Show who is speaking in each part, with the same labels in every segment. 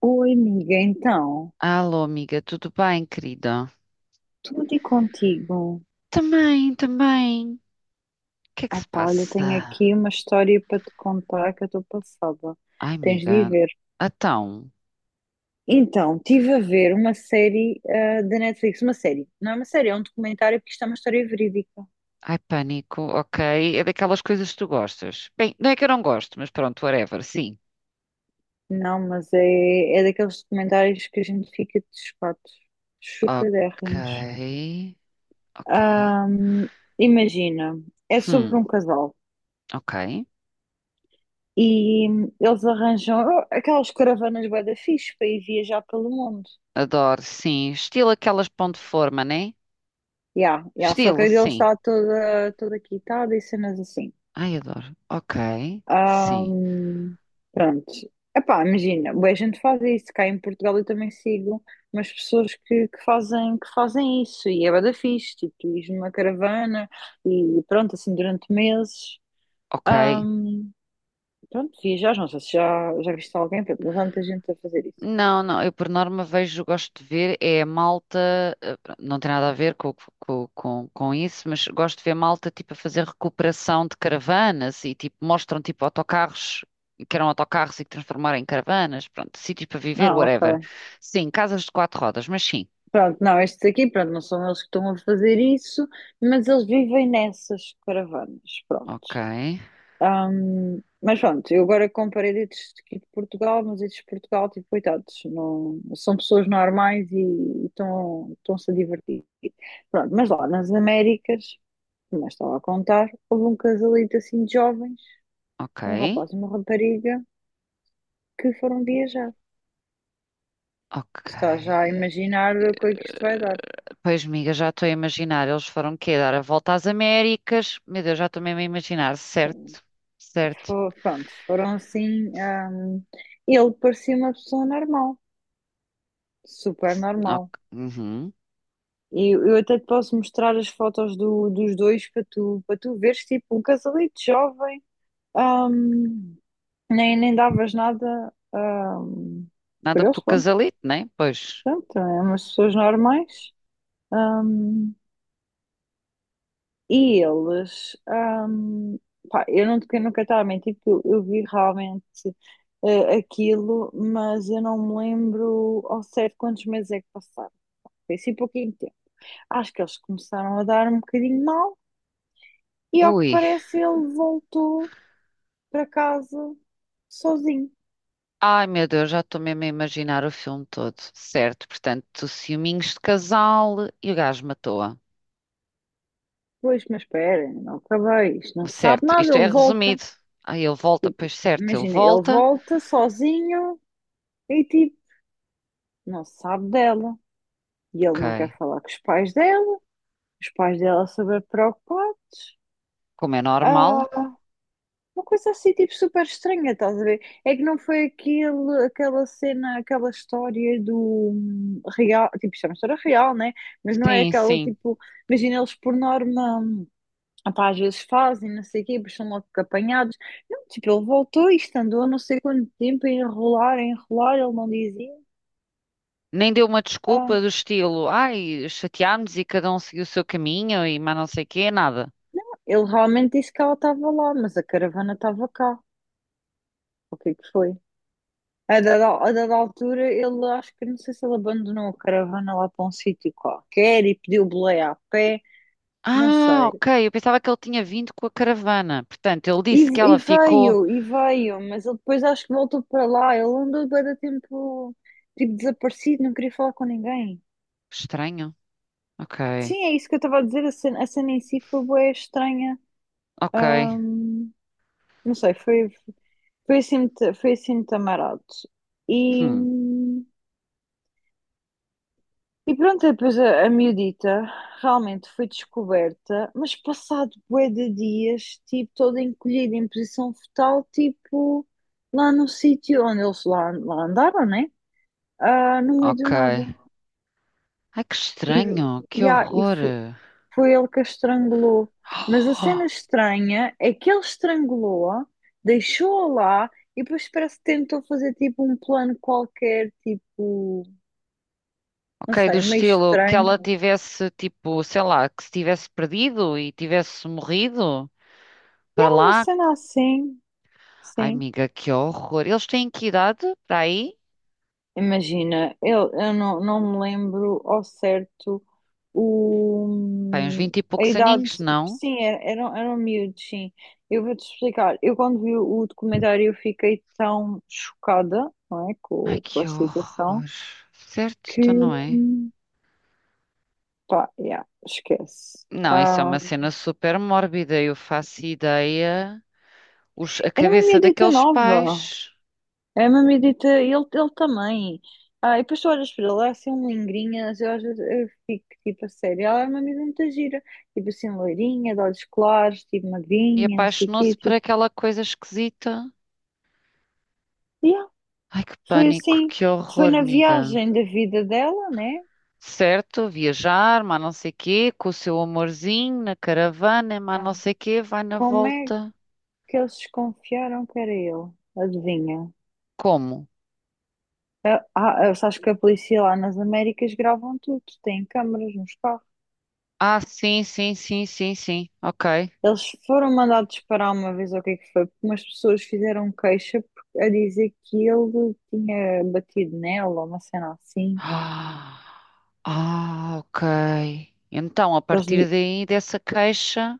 Speaker 1: Oi, amiga, então,
Speaker 2: Alô, amiga, tudo bem, querida?
Speaker 1: tudo e contigo?
Speaker 2: Também, também. O que é que
Speaker 1: Ah,
Speaker 2: se
Speaker 1: pá, olha, tenho
Speaker 2: passa?
Speaker 1: aqui uma história para te contar que eu estou passada.
Speaker 2: Ai,
Speaker 1: Tens de ir
Speaker 2: amiga,
Speaker 1: ver.
Speaker 2: então.
Speaker 1: Então, estive a ver uma série da Netflix, uma série. Não é uma série, é um documentário, porque isto é uma história verídica.
Speaker 2: Ai, pânico, ok. É daquelas coisas que tu gostas. Bem, não é que eu não gosto, mas pronto, whatever, sim.
Speaker 1: Não, mas é daqueles documentários que a gente fica de espatos,
Speaker 2: Ok,
Speaker 1: chocadérrimos.
Speaker 2: ok.
Speaker 1: Ahm, Imagina, é sobre
Speaker 2: Hum,
Speaker 1: um casal
Speaker 2: ok.
Speaker 1: e eles arranjam aquelas caravanas bué da fixe para ir viajar pelo mundo.
Speaker 2: Adoro, sim. Estilo aquelas pão de forma, né?
Speaker 1: Yeah, yeah. Só que
Speaker 2: Estilo,
Speaker 1: a dele
Speaker 2: sim.
Speaker 1: está toda, toda quitada e cenas assim.
Speaker 2: Ai, adoro. Ok, sim.
Speaker 1: Ahm, pronto. Epá, imagina, bué gente faz isso, cá em Portugal eu também sigo umas pessoas que fazem isso e é bué da fixe, tipo, tu ires numa caravana e pronto, assim durante meses.
Speaker 2: Ok.
Speaker 1: Ahm, pronto, viajas, não sei se já viste alguém, pronto, mas há muita gente a fazer isso.
Speaker 2: Não, não, eu por norma vejo, gosto de ver, é a malta, pronto, não tem nada a ver com isso, mas gosto de ver malta tipo a fazer recuperação de caravanas e tipo mostram tipo autocarros que eram autocarros e que transformaram em caravanas, pronto, sítios para viver,
Speaker 1: Ah,
Speaker 2: whatever.
Speaker 1: ok.
Speaker 2: Sim, casas de quatro rodas, mas sim.
Speaker 1: Pronto, não, estes aqui, pronto, não são eles que estão a fazer isso, mas eles vivem nessas caravanas, pronto.
Speaker 2: Ok,
Speaker 1: Mas pronto, eu agora comparei dedos aqui de Portugal, mas estes de Portugal, tipo, coitados, não, são pessoas normais e estão-se a divertir. Pronto, mas lá nas Américas, como eu estava a contar, houve um casalito assim de jovens,
Speaker 2: ok,
Speaker 1: um rapaz e uma rapariga, que foram viajar.
Speaker 2: ok.
Speaker 1: Tu Estás já a imaginar o que é que isto vai
Speaker 2: Eh,
Speaker 1: dar.
Speaker 2: Pois, amiga, já estou a imaginar, eles foram quê? Dar a volta às Américas? Meu Deus, já estou mesmo a imaginar, certo, certo.
Speaker 1: Pronto, foram assim. Ele parecia uma pessoa normal, super
Speaker 2: Ok.
Speaker 1: normal.
Speaker 2: Uhum.
Speaker 1: E eu até te posso mostrar as fotos dos dois para para tu veres, tipo, um casalito jovem, ahm, nem davas nada, por
Speaker 2: Nada
Speaker 1: eles,
Speaker 2: pelo
Speaker 1: pronto,
Speaker 2: casalito, né? Pois.
Speaker 1: portanto, é umas pessoas normais. ahm, e eles, pá, eu eu nunca estava a mentir, porque eu vi realmente aquilo, mas eu não me lembro ao certo quantos meses é que passaram. Foi assim pouquinho tempo. Acho que eles começaram a dar um bocadinho mal. E ao que
Speaker 2: Ui.
Speaker 1: parece, ele voltou para casa sozinho.
Speaker 2: Ai, meu Deus, já estou mesmo a imaginar o filme todo. Certo, portanto, ciúminhos de casal e o gajo matou-a.
Speaker 1: Pois, mas espera, ainda não acabei. Isto não se sabe
Speaker 2: Certo,
Speaker 1: nada.
Speaker 2: isto é
Speaker 1: Ele volta.
Speaker 2: resumido. Aí ele volta,
Speaker 1: Tipo,
Speaker 2: pois certo, ele
Speaker 1: imagina, ele
Speaker 2: volta.
Speaker 1: volta sozinho e tipo, não se sabe dela. E ele não
Speaker 2: Ok.
Speaker 1: quer falar com os pais dela. Os pais dela super preocupados.
Speaker 2: Como é normal.
Speaker 1: Ah, uma coisa assim, tipo, super estranha, estás a ver? É que não foi aquela cena, aquela história do real, tipo, isto é uma história real, né? Mas não é
Speaker 2: Sim,
Speaker 1: aquela,
Speaker 2: sim.
Speaker 1: tipo, imagina eles por norma. Ah pá, às vezes fazem, não sei o quê, depois são logo apanhados. Não, tipo, ele voltou e isto andou não sei quanto tempo a enrolar, ele não dizia.
Speaker 2: Nem deu uma
Speaker 1: Ah,
Speaker 2: desculpa do estilo, ai, chateámos e cada um seguiu o seu caminho e mais não sei o quê, nada.
Speaker 1: ele realmente disse que ela estava lá, mas a caravana estava cá. O que é que foi? A dada altura, ele acho que não sei se ele abandonou a caravana lá para um sítio qualquer e pediu boleia a pé, não
Speaker 2: Ah,
Speaker 1: sei.
Speaker 2: ok. Eu pensava que ele tinha vindo com a caravana. Portanto, ele
Speaker 1: E,
Speaker 2: disse que ela ficou.
Speaker 1: e veio, mas ele depois acho que voltou para lá. Ele andou bué de tempo, tipo, desaparecido, não queria falar com ninguém.
Speaker 2: Estranho? Ok.
Speaker 1: Sim, é isso que eu estava a dizer. A cena em si foi bué estranha.
Speaker 2: Ok.
Speaker 1: Ahm, não sei, foi assim muito amarado. E,
Speaker 2: Hum.
Speaker 1: e pronto, depois a miudita realmente foi descoberta, mas passado bué de dias, tipo, toda encolhida em posição fetal, tipo, lá no sítio onde eles lá andaram, né? Ah, no meio do
Speaker 2: Ok.
Speaker 1: nada.
Speaker 2: Ai, que
Speaker 1: E,
Speaker 2: estranho. Que
Speaker 1: e, há- e, fo-
Speaker 2: horror.
Speaker 1: Foi ele que a estrangulou. Mas a cena
Speaker 2: Oh,
Speaker 1: estranha é que ele estrangulou-a, deixou-a lá e depois parece que tentou fazer tipo um plano qualquer, tipo, não
Speaker 2: ok, do
Speaker 1: sei, meio
Speaker 2: estilo que ela
Speaker 1: estranho.
Speaker 2: tivesse, tipo, sei lá, que se tivesse perdido e tivesse morrido
Speaker 1: E
Speaker 2: para
Speaker 1: é uma
Speaker 2: lá.
Speaker 1: cena assim,
Speaker 2: Ai,
Speaker 1: sim.
Speaker 2: amiga, que horror. Eles têm que idade para aí?
Speaker 1: Imagina, eu não me lembro ao certo
Speaker 2: Pai, uns
Speaker 1: o,
Speaker 2: vinte e
Speaker 1: a
Speaker 2: poucos
Speaker 1: idade.
Speaker 2: aninhos, não?
Speaker 1: Sim, eram miúdos, sim. Eu vou-te explicar. Eu, quando vi o documentário, eu fiquei tão chocada, não é,
Speaker 2: Ai,
Speaker 1: com
Speaker 2: que
Speaker 1: a situação,
Speaker 2: horror. Certo,
Speaker 1: que,
Speaker 2: então não é?
Speaker 1: pá, yeah, esquece.
Speaker 2: Não, isso é
Speaker 1: Ah,
Speaker 2: uma cena super mórbida. Eu faço ideia. Os- a
Speaker 1: era uma
Speaker 2: cabeça
Speaker 1: miúdita
Speaker 2: daqueles
Speaker 1: nova.
Speaker 2: pais.
Speaker 1: É uma medita, ele também. Ah, e depois tu olhas para ele, é assim um lingrinhas, eu às vezes eu fico tipo a sério, ela é uma amiga muito gira, tipo assim, loirinha, de olhos claros, tipo
Speaker 2: E
Speaker 1: magrinha, não sei o quê,
Speaker 2: apaixonou-se por
Speaker 1: tipo,
Speaker 2: aquela coisa esquisita.
Speaker 1: yeah,
Speaker 2: Ai, que
Speaker 1: foi
Speaker 2: pânico,
Speaker 1: assim,
Speaker 2: que
Speaker 1: foi
Speaker 2: horror,
Speaker 1: na
Speaker 2: amiga.
Speaker 1: viagem da vida dela, né?
Speaker 2: Certo, viajar, mas não sei quê, com o seu amorzinho na caravana, mas não
Speaker 1: Ah,
Speaker 2: sei quê, vai na
Speaker 1: como é
Speaker 2: volta.
Speaker 1: que eles desconfiaram que era ele? Adivinha?
Speaker 2: Como?
Speaker 1: Ah, sabes que a polícia lá nas Américas gravam tudo, têm câmaras nos carros.
Speaker 2: Ah, sim, sim, sim, sim, sim. Ok.
Speaker 1: Eles foram mandados parar uma vez, ou o que é que foi? Porque umas pessoas fizeram queixa a dizer que ele tinha batido nela, ou uma cena assim.
Speaker 2: Ah, ah, ok. Então, a
Speaker 1: Que Eles,
Speaker 2: partir
Speaker 1: lhe-
Speaker 2: daí, dessa queixa.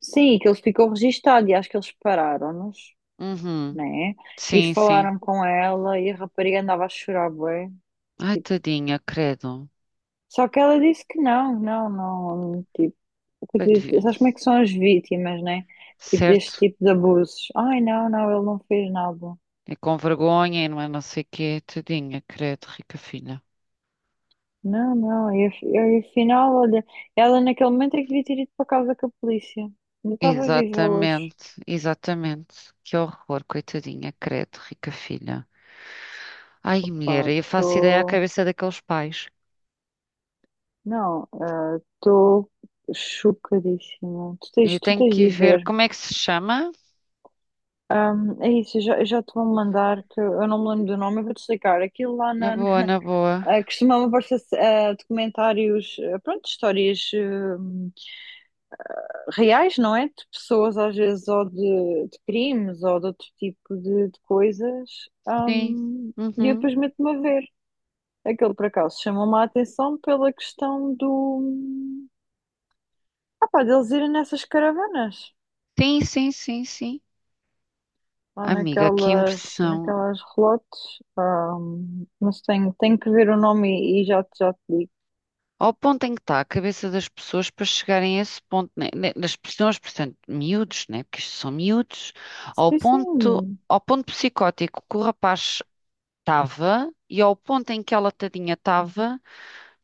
Speaker 1: sim, que ele ficou registado e acho que eles pararam-nos,
Speaker 2: Uhum.
Speaker 1: né? E
Speaker 2: Sim, sim.
Speaker 1: falaram com ela e a rapariga andava a chorar bué,
Speaker 2: Ai,
Speaker 1: tipo.
Speaker 2: tadinha, credo.
Speaker 1: Só que ela disse que não, não, não. Tipo,
Speaker 2: Pá, devia-
Speaker 1: sabes como é que são as vítimas, né? Tipo, deste
Speaker 2: Certo.
Speaker 1: tipo de abusos. Ai, não, não, ele não fez nada.
Speaker 2: E com vergonha, e não é não sei o quê, tadinha, credo, rica filha.
Speaker 1: Não, não, e afinal, olha, ela naquele momento é que devia ter ido para casa com a polícia. Não estava viva hoje.
Speaker 2: Exatamente, exatamente. Que horror, coitadinha, credo, rica filha. Ai, mulher,
Speaker 1: Pá,
Speaker 2: eu faço ideia à
Speaker 1: estou.
Speaker 2: cabeça daqueles pais.
Speaker 1: Não, ah, estou chocadíssima.
Speaker 2: Eu
Speaker 1: Tu
Speaker 2: tenho
Speaker 1: tens
Speaker 2: que
Speaker 1: de
Speaker 2: ir
Speaker 1: ir
Speaker 2: ver
Speaker 1: ver.
Speaker 2: como é que se chama.
Speaker 1: É isso, eu já te vou mandar, que eu não me lembro do nome, eu vou-te explicar. Aquilo lá
Speaker 2: Na
Speaker 1: na.
Speaker 2: boa, na boa.
Speaker 1: Costumava aparecer documentários, pronto, histórias, reais, não é? De pessoas, às vezes, ou de crimes, ou de outro tipo de coisas.
Speaker 2: Sim.
Speaker 1: E eu
Speaker 2: Uhum.
Speaker 1: depois meto-me a ver. Aquele, por acaso, chamou-me a atenção pela questão do... Ah pá, deles irem nessas caravanas.
Speaker 2: Sim, sim, sim, sim.
Speaker 1: Ou
Speaker 2: Amiga, que impressão.
Speaker 1: naquelas relotes. Mas tenho que ver o nome e já te digo.
Speaker 2: Ao ponto em que está a cabeça das pessoas para chegarem a esse ponto, né? Né, das pessoas, portanto, miúdos, né? Porque isto são miúdos,
Speaker 1: Sim, sim.
Speaker 2: ao ponto psicótico que o rapaz estava e ao ponto em que ela tadinha estava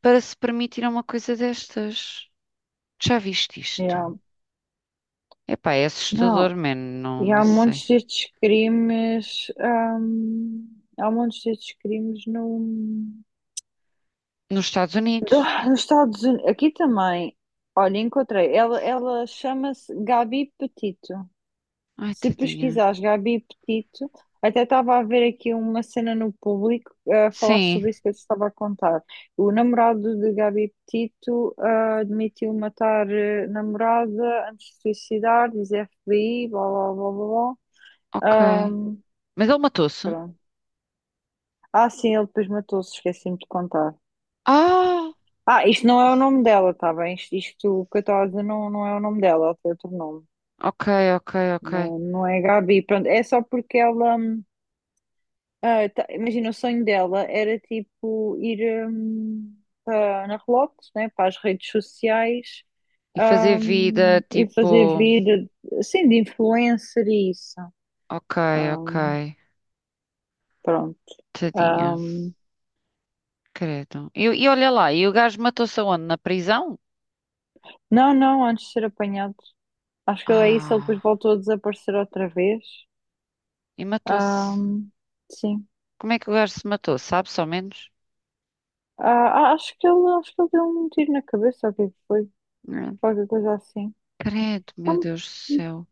Speaker 2: para se permitir uma coisa destas. Já viste isto?
Speaker 1: Yeah.
Speaker 2: Epá, é
Speaker 1: Não,
Speaker 2: assustador, man. Não,
Speaker 1: e
Speaker 2: não
Speaker 1: há
Speaker 2: sei.
Speaker 1: montes destes crimes, há montes destes crimes no,
Speaker 2: Nos Estados
Speaker 1: do-
Speaker 2: Unidos.
Speaker 1: nos Estados Unidos. Aqui também. Olha, encontrei. Ela chama-se Gabi Petito.
Speaker 2: Ai,
Speaker 1: Se
Speaker 2: tadinha.
Speaker 1: pesquisares Gabi Petito, até estava a ver aqui uma cena no público a falar
Speaker 2: Sim,
Speaker 1: sobre isso que eu te estava a contar. O namorado de Gabi Petito admitiu matar namorada antes de suicidar, diz FBI, blá blá blá blá.
Speaker 2: ok.
Speaker 1: blá.
Speaker 2: Mas ele matou-se?
Speaker 1: Pronto. Ah, sim, ele depois matou-se, esqueci-me de contar.
Speaker 2: Ah,
Speaker 1: Ah, isto não é o nome dela, tá bem? Isto que eu estava a dizer não, não é o nome dela, ela tem outro nome.
Speaker 2: ok, ok, ok.
Speaker 1: Não, não é Gabi, pronto. É só porque ela. Imagina, o sonho dela era tipo ir para, na Relotes, né, para as redes sociais
Speaker 2: E fazer vida,
Speaker 1: e fazer
Speaker 2: tipo.
Speaker 1: vida assim de influencer e isso.
Speaker 2: Ok, ok.
Speaker 1: Hum, pronto.
Speaker 2: Tadinha,
Speaker 1: Hum,
Speaker 2: credo. E olha lá, e o gajo matou-se aonde? Na prisão?
Speaker 1: não, não, antes de ser apanhado. Acho que é isso, ele depois
Speaker 2: Ah,
Speaker 1: voltou a desaparecer outra vez.
Speaker 2: e matou-se.
Speaker 1: Ahm, sim.
Speaker 2: Como é que o gajo se matou? Sabe só menos?
Speaker 1: Ah, acho que ele deu um tiro na cabeça, ou o que é que foi?
Speaker 2: Não.
Speaker 1: Qualquer coisa assim.
Speaker 2: Credo, meu
Speaker 1: Não,
Speaker 2: Deus do céu.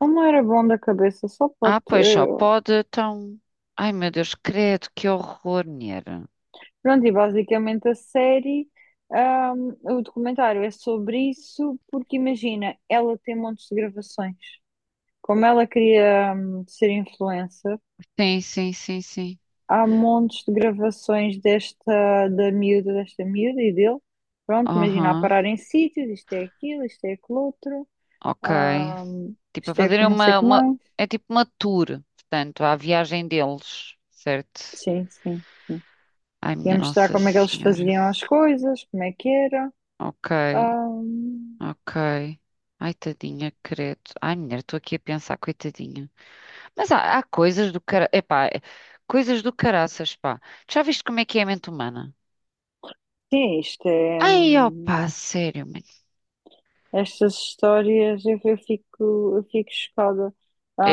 Speaker 1: não era bom da cabeça, só
Speaker 2: Ah,
Speaker 1: pode.
Speaker 2: pois só pode, então. Ai, meu Deus, credo, que horror, mulher.
Speaker 1: Pronto, e basicamente a série, o documentário é sobre isso, porque imagina, ela tem montes de gravações. Como ela queria, ser influencer,
Speaker 2: Sim, sim, sim, sim.
Speaker 1: há montes de gravações da miúda, desta miúda e dele. Pronto, imagina a
Speaker 2: Aham,
Speaker 1: parar em sítios, isto é aquilo outro,
Speaker 2: ok.
Speaker 1: ahm,
Speaker 2: Tipo, a
Speaker 1: isto é
Speaker 2: fazerem
Speaker 1: não sei o
Speaker 2: uma,
Speaker 1: que
Speaker 2: uma.
Speaker 1: mais.
Speaker 2: É tipo uma tour, portanto, à viagem deles, certo?
Speaker 1: Sim, sim, sim.
Speaker 2: Ai,
Speaker 1: Ia
Speaker 2: minha
Speaker 1: mostrar
Speaker 2: Nossa
Speaker 1: como é que eles
Speaker 2: Senhora.
Speaker 1: faziam as coisas, como é que era.
Speaker 2: Ok.
Speaker 1: Ahm,
Speaker 2: Ok. Ai, tadinha, credo. Ai, mulher, estou aqui a pensar, coitadinha. Mas há, há coisas do cara... Epá, é- coisas do caraças, pá. Tu já viste como é que é a mente humana?
Speaker 1: sim, isto é.
Speaker 2: Ai, ó sério, mano.
Speaker 1: Estas histórias eu fico chocada.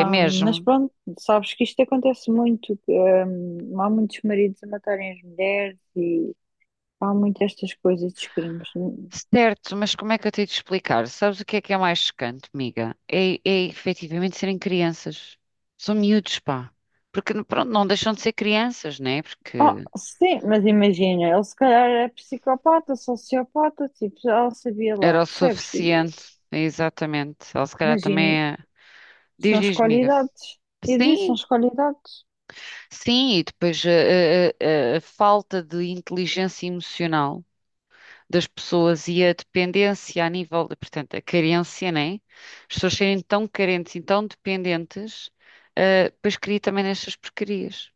Speaker 2: É
Speaker 1: Mas
Speaker 2: mesmo?
Speaker 1: pronto, sabes que isto acontece muito. Que, há muitos maridos a matarem as mulheres. Há muitas estas coisas dos crimes.
Speaker 2: Certo, mas como é que eu tenho de explicar? Sabes o que é mais chocante, amiga? É, é efetivamente serem crianças. São miúdos, pá. Porque, pronto, não deixam de ser crianças, né?
Speaker 1: Ah,
Speaker 2: Porque
Speaker 1: sim, mas imagina, ele se calhar é psicopata, sociopata, tipo, já o sabia lá,
Speaker 2: era o
Speaker 1: percebes? E
Speaker 2: suficiente. Exatamente. Ela se calhar
Speaker 1: imaginem,
Speaker 2: também é...
Speaker 1: se
Speaker 2: Diz,
Speaker 1: não
Speaker 2: diz,
Speaker 1: escolhe
Speaker 2: amiga.
Speaker 1: idades. E disse, não
Speaker 2: Sim,
Speaker 1: escolhe idades.
Speaker 2: sim, e depois a falta de inteligência emocional das pessoas e a dependência a nível de, portanto, a carência, né? As pessoas serem tão carentes e tão dependentes, depois cria também nestas porcarias,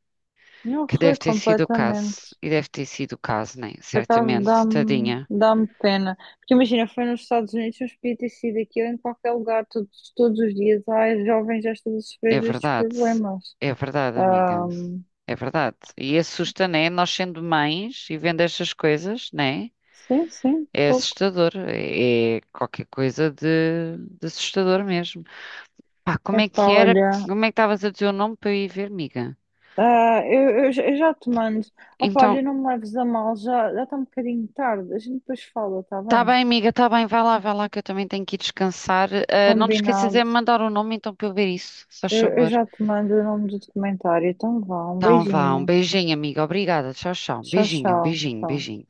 Speaker 1: Não
Speaker 2: que
Speaker 1: foi
Speaker 2: deve ter sido o caso,
Speaker 1: completamente.
Speaker 2: e deve ter sido o caso, né?
Speaker 1: Por acaso
Speaker 2: Certamente, tadinha,
Speaker 1: dá-me pena. Porque imagina, foi nos Estados Unidos, mas podia ter sido aquilo em qualquer lugar, todos, todos os dias. Ai, os jovens já estão a
Speaker 2: é
Speaker 1: sofrer destes
Speaker 2: verdade.
Speaker 1: problemas.
Speaker 2: É verdade, amiga.
Speaker 1: Ahm,
Speaker 2: É verdade. E assusta, né? Nós sendo mães e vendo estas coisas, né?
Speaker 1: sim, sim,
Speaker 2: É
Speaker 1: fogo.
Speaker 2: assustador, é qualquer coisa de assustador mesmo. Pá, como é que
Speaker 1: Epá,
Speaker 2: era?
Speaker 1: olha.
Speaker 2: Como é que estavas a dizer o nome para eu ir ver, miga?
Speaker 1: Eu já te mando. Opa,
Speaker 2: Então,
Speaker 1: olha, não me leves a mal, já, já está um bocadinho tarde. A gente depois fala, está
Speaker 2: tá
Speaker 1: bem?
Speaker 2: bem, miga, tá bem, vai lá que eu também tenho que ir descansar. Ah, não te esqueças de
Speaker 1: Combinado.
Speaker 2: me mandar o nome então para eu ver isso, se faz
Speaker 1: Eu
Speaker 2: favor.
Speaker 1: já te mando o nome do documentário. Então vá, um
Speaker 2: Então vá, um
Speaker 1: beijinho.
Speaker 2: beijinho, amiga, obrigada, tchau, tchau.
Speaker 1: Tchau,
Speaker 2: Beijinho,
Speaker 1: tchau,
Speaker 2: beijinho,
Speaker 1: tchau.
Speaker 2: beijinho.